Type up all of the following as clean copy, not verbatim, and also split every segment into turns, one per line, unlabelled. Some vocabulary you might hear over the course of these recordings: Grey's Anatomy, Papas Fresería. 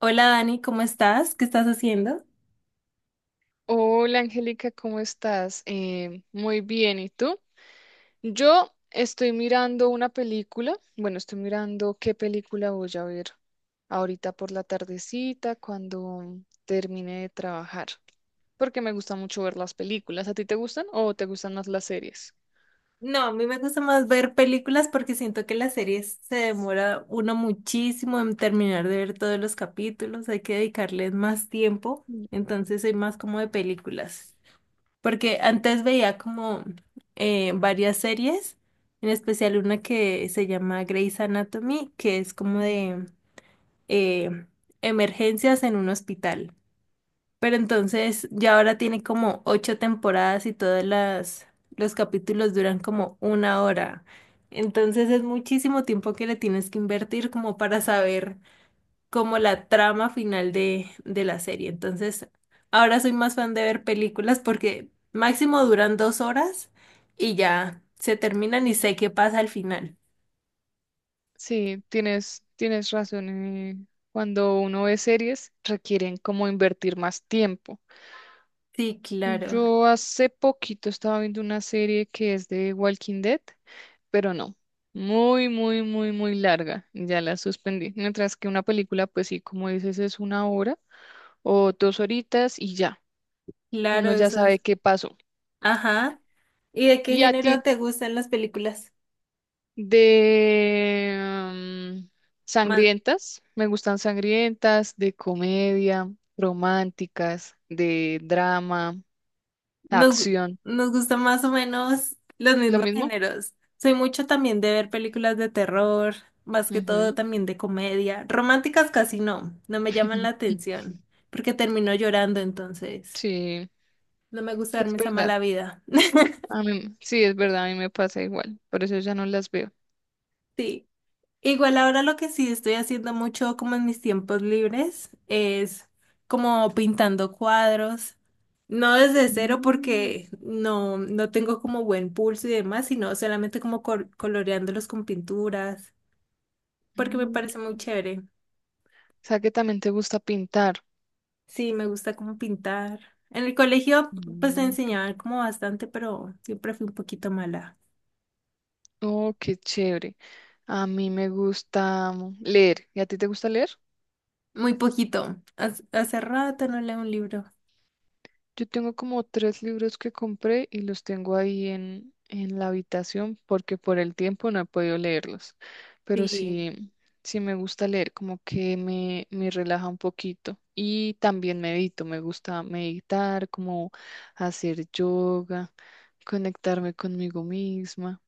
Hola Dani, ¿cómo estás? ¿Qué estás haciendo?
Hola Angélica, ¿cómo estás? Muy bien, ¿y tú? Yo estoy mirando una película, bueno, estoy mirando qué película voy a ver ahorita por la tardecita cuando termine de trabajar, porque me gusta mucho ver las películas. ¿A ti te gustan o te gustan más las series?
No, a mí me gusta más ver películas porque siento que las series se demora uno muchísimo en terminar de ver todos los capítulos, hay que dedicarles más tiempo,
Mm.
entonces soy más como de películas. Porque antes veía como varias series, en especial una que se llama Grey's Anatomy, que es como de eh, emergencias en un hospital. Pero entonces ya ahora tiene como ocho temporadas y todas las los capítulos duran como una hora. Entonces es muchísimo tiempo que le tienes que invertir como para saber como la trama final de la serie. Entonces ahora soy más fan de ver películas porque máximo duran dos horas y ya se terminan y sé qué pasa al final.
Sí, tienes razón. Cuando uno ve series, requieren como invertir más tiempo.
Sí, claro,
Yo hace poquito estaba viendo una serie que es de Walking Dead, pero no, muy, muy, muy, muy larga, ya la suspendí. Mientras que una película, pues sí, como dices, es una hora o dos horitas y ya,
claro,
uno ya
eso
sabe
es.
qué pasó.
Ajá. ¿Y de qué
¿Y a
género
ti?
te gustan las películas?
De mm, sangrientas, me gustan sangrientas, de comedia, románticas, de drama,
Nos, gu-
acción,
Nos gustan más o menos los
lo
mismos
mismo.
géneros. Soy mucho también de ver películas de terror, más que todo
Ujú.
también de comedia. Románticas casi no, no me llaman la atención, porque termino llorando entonces.
Sí,
No me gusta
es
darme esa
verdad.
mala vida.
A mí, sí, es verdad, a mí me pasa igual, por eso ya no las veo.
Sí. Igual ahora lo que sí estoy haciendo mucho como en mis tiempos libres es como pintando cuadros, no desde cero
Mm,
porque no tengo como buen pulso y demás, sino solamente como coloreándolos con pinturas, porque me
mm.
parece muy chévere.
O sea que también te gusta pintar.
Sí, me gusta como pintar. En el colegio pues me
Mm, qué-
enseñaban como bastante, pero siempre fui un poquito mala.
Oh, qué chévere. A mí me gusta leer. ¿Y a ti te gusta leer?
Muy poquito. Hace rato no leo un libro.
Yo tengo como tres libros que compré y los tengo ahí en la habitación porque por el tiempo no he podido leerlos. Pero
Sí.
sí, sí me gusta leer, como que me relaja un poquito. Y también medito, me gusta meditar, como hacer yoga, conectarme conmigo misma.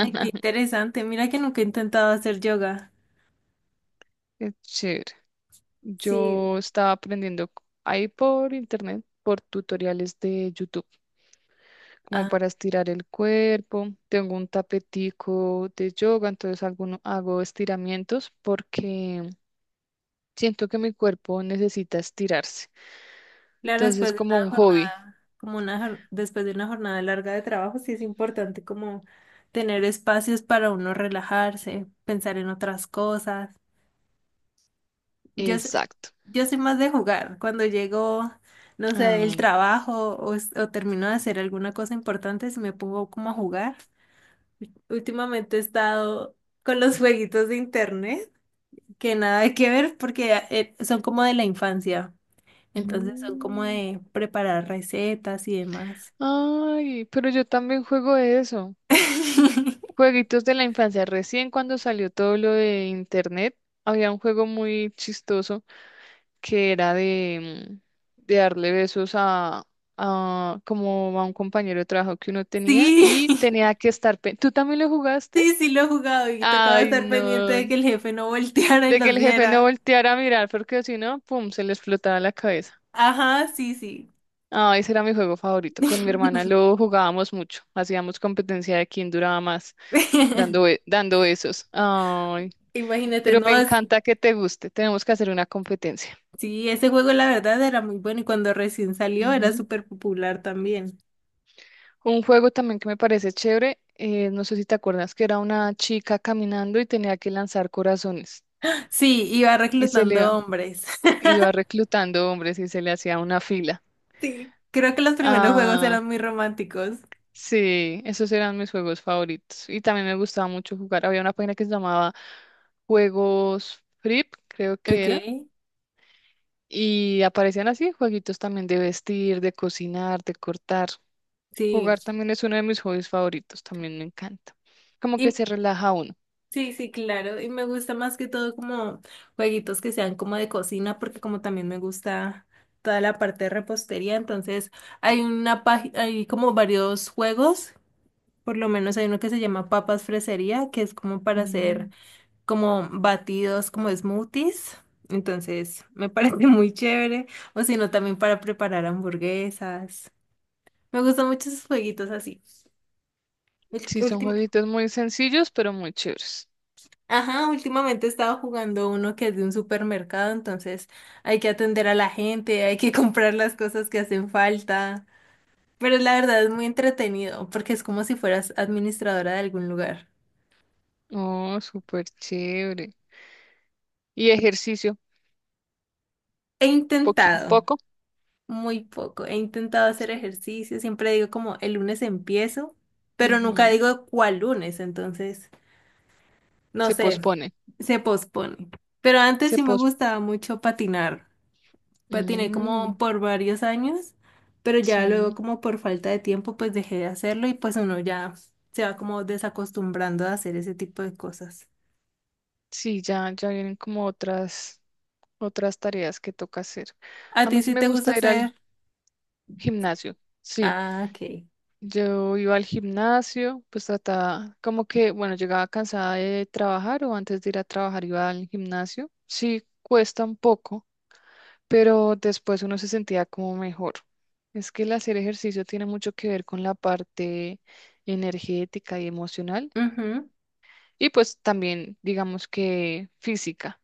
Ay, qué interesante. Mira que nunca he intentado hacer yoga.
Es chévere.
Sí.
Yo estaba aprendiendo ahí por internet, por tutoriales de YouTube, como
Ah,
para estirar el cuerpo. Tengo un tapetico de yoga, entonces hago estiramientos porque siento que mi cuerpo necesita estirarse.
claro,
Entonces,
después de
como
una
un hobby.
jornada, después de una jornada larga de trabajo, sí es importante como tener espacios para uno relajarse, pensar en otras cosas. Yo, s-
Exacto.
yo soy más de jugar. Cuando llego, no sé, del
Ah,
trabajo o termino de hacer alguna cosa importante, si me pongo como a jugar. Últimamente he estado con los jueguitos de internet, que nada que ver porque son como de la infancia. Entonces son como
mm,
de preparar recetas y demás.
Ay, pero yo también juego eso. Jueguitos de la infancia. Recién cuando salió todo lo de internet, había un juego muy chistoso que era de, de darle besos a, como a un compañero de trabajo que uno tenía
Sí,
y tenía que estar... ¿Tú también lo jugaste?
sí lo he jugado y tocaba
Ay,
estar pendiente
no.
de que el jefe no volteara y
De que
los
el jefe no
viera.
volteara a mirar porque si no, pum, se le explotaba la cabeza.
Ajá, sí, sí.
Ah, ese era mi juego favorito. Con mi hermana lo jugábamos mucho. Hacíamos competencia de quién duraba más, dando, dando besos. Ay,
Imagínate,
pero
no,
me
es-
encanta que te guste. Tenemos que hacer una competencia.
sí, ese juego la verdad era muy bueno y cuando recién salió era
Ujú.
súper popular también.
Un juego también que me parece chévere. No sé si te acuerdas que era una chica caminando y tenía que lanzar corazones.
Sí, iba
Y se le
reclutando
iba,
hombres.
iba reclutando hombres y se le hacía una fila.
Sí, creo que los primeros juegos
Ah,
eran muy románticos.
sí, esos eran mis juegos favoritos. Y también me gustaba mucho jugar. Había una página que se llamaba Juegos Flip, creo que
Ok.
era. Y aparecían así, jueguitos también de vestir, de cocinar, de cortar.
Sí,
Jugar también es uno de mis hobbies favoritos, también me encanta. Como que
y,
se relaja uno.
sí, sí, claro. Y me gusta más que todo como jueguitos que sean como de cocina, porque como también me gusta toda la parte de repostería, entonces hay una página, hay como varios juegos, por lo menos hay uno que se llama Papas Fresería, que es como para hacer
Mm.
como batidos, como smoothies. Entonces me parece muy chévere. O si no, también para preparar hamburguesas. Me gustan mucho esos jueguitos así.
Sí, son
Último.
jueguitos muy sencillos, pero muy chéveres.
Ajá, últimamente he estado jugando uno que es de un supermercado, entonces hay que atender a la gente, hay que comprar las cosas que hacen falta. Pero la verdad es muy entretenido porque es como si fueras administradora de algún lugar.
Oh, súper chévere. Y ejercicio,
He intentado,
poco.
muy poco, he intentado
Es
hacer
que,
ejercicio, siempre digo como el lunes empiezo, pero nunca
ujú,
digo cuál lunes, entonces no
se
sé,
pospone.
se pospone. Pero antes
Se
sí me
pos
gustaba mucho patinar. Patiné como
mm,
por varios años, pero ya luego
sí,
como por falta de tiempo pues dejé de hacerlo y pues uno ya se va como desacostumbrando a hacer ese tipo de cosas.
sí, ya, ya vienen como otras tareas que toca hacer.
¿A
A
ti
mí sí
sí
me
te gusta
gusta ir al
hacer?
gimnasio. Sí.
Ah, ok.
Yo iba al gimnasio, pues trataba, como que, bueno, llegaba cansada de trabajar o antes de ir a trabajar iba al gimnasio. Sí, cuesta un poco, pero después uno se sentía como mejor. Es que el hacer ejercicio tiene mucho que ver con la parte energética y emocional
Ujú.
y pues también, digamos que física.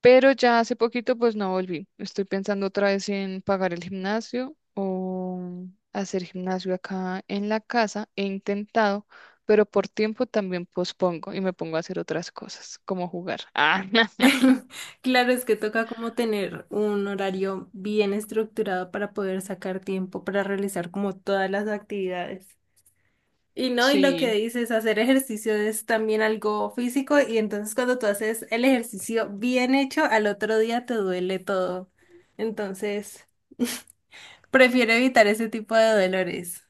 Pero ya hace poquito pues no volví. Estoy pensando otra vez en pagar el gimnasio o hacer gimnasio acá en la casa. He intentado, pero por tiempo también pospongo y me pongo a hacer otras cosas, como jugar. Ah,
Claro, es que toca como tener un horario bien estructurado para poder sacar tiempo para realizar como todas las actividades. Y no, y lo que
sí,
dices, hacer ejercicio es también algo físico y entonces cuando tú haces el ejercicio bien hecho, al otro día te duele todo. Entonces, prefiero evitar ese tipo de dolores.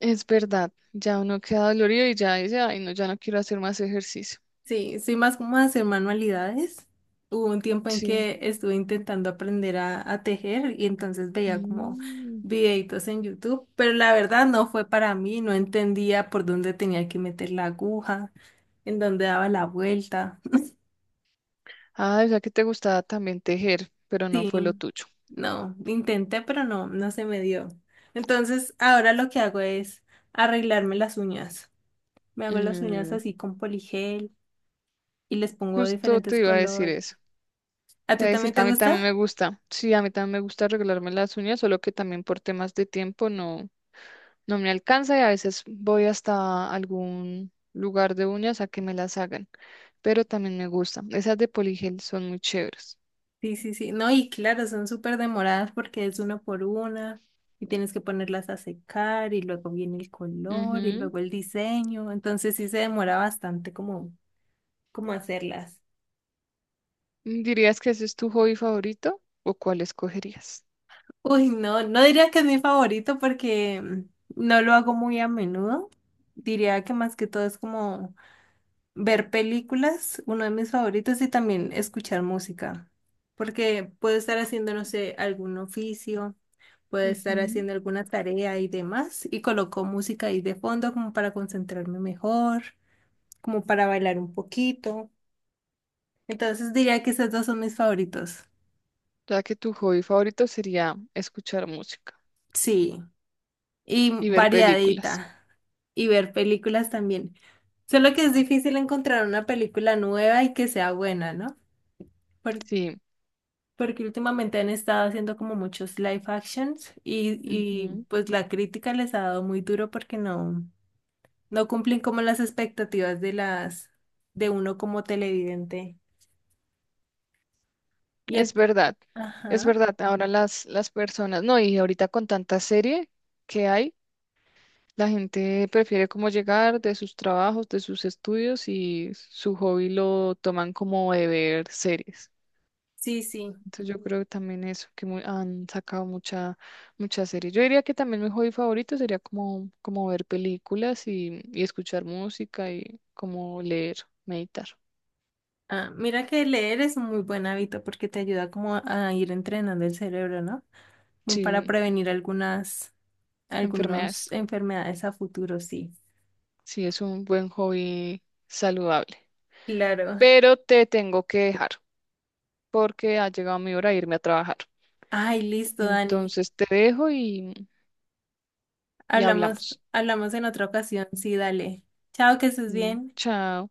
es verdad. Ya uno queda dolorido y ya dice, ay, no, ya no quiero hacer más ejercicio.
Sí, soy más como de hacer manualidades. Hubo un tiempo en
Sí.
que estuve intentando aprender a tejer y entonces veía como
Mm.
videitos en YouTube, pero la verdad no fue para mí, no entendía por dónde tenía que meter la aguja, en dónde daba la vuelta.
Ah, o sea que te gustaba también tejer, pero no
Sí,
fue lo tuyo.
no, intenté, pero no, no se me dio. Entonces, ahora lo que hago es arreglarme las uñas. Me hago las uñas
Mm,
así con poligel y les pongo
justo te
diferentes
iba a decir
colores.
eso.
¿A
Te
ti
voy a decir
también
que
te
a mí también
gusta?
me gusta. Sí, a mí también me gusta arreglarme las uñas, solo que también por temas de tiempo no me alcanza y a veces voy hasta algún lugar de uñas a que me las hagan, pero también me gusta. Esas de poligel son muy chéveres.
Sí, sí, sí. No, y claro, son súper demoradas porque es una por una y tienes que ponerlas a secar y luego viene el color y
Ujú.
luego el diseño. Entonces sí se demora bastante como, como hacerlas.
¿Dirías que ese es tu hobby favorito o cuál escogerías?
Uy, no, no diría que es mi favorito porque mm, no lo hago muy a menudo. Diría que más que todo es como ver películas, uno de mis favoritos, y también escuchar música. Porque puedo estar haciendo, no sé, algún oficio, puedo estar
Ujú.
haciendo alguna tarea y demás, y coloco música ahí de fondo como para concentrarme mejor, como para bailar un poquito. Entonces diría que esos dos son mis favoritos.
Ya que tu hobby favorito sería escuchar música
Sí. Y
y ver películas.
variadita y ver películas también. Solo que es difícil encontrar una película nueva y que sea buena, ¿no? Por-
Sí.
Porque últimamente han estado haciendo como muchos live actions y
Ujú.
pues la crítica les ha dado muy duro porque no, no cumplen como las expectativas de las de uno como televidente. Y a-
Es verdad, es
ajá,
verdad. Ahora las personas, no, y ahorita con tanta serie que hay, la gente prefiere como llegar de sus trabajos, de sus estudios y su hobby lo toman como de ver series.
sí, sí.
Entonces yo creo que también eso, que han sacado muchas series. Yo diría que también mi hobby favorito sería como, como ver películas y escuchar música y como leer, meditar.
Ah, mira que leer es un muy buen hábito porque te ayuda como a ir entrenando el cerebro, ¿no? Como para
Sí,
prevenir algunas
enfermedades.
enfermedades a futuro, sí.
Sí, es un buen hobby saludable.
Claro.
Pero te tengo que dejar porque ha llegado mi hora de irme a trabajar.
Ay, listo, Dani.
Entonces te dejo y
Hablamos,
hablamos.
hablamos en otra ocasión. Sí, dale. Chao, que estés
Mm,
bien.
chao.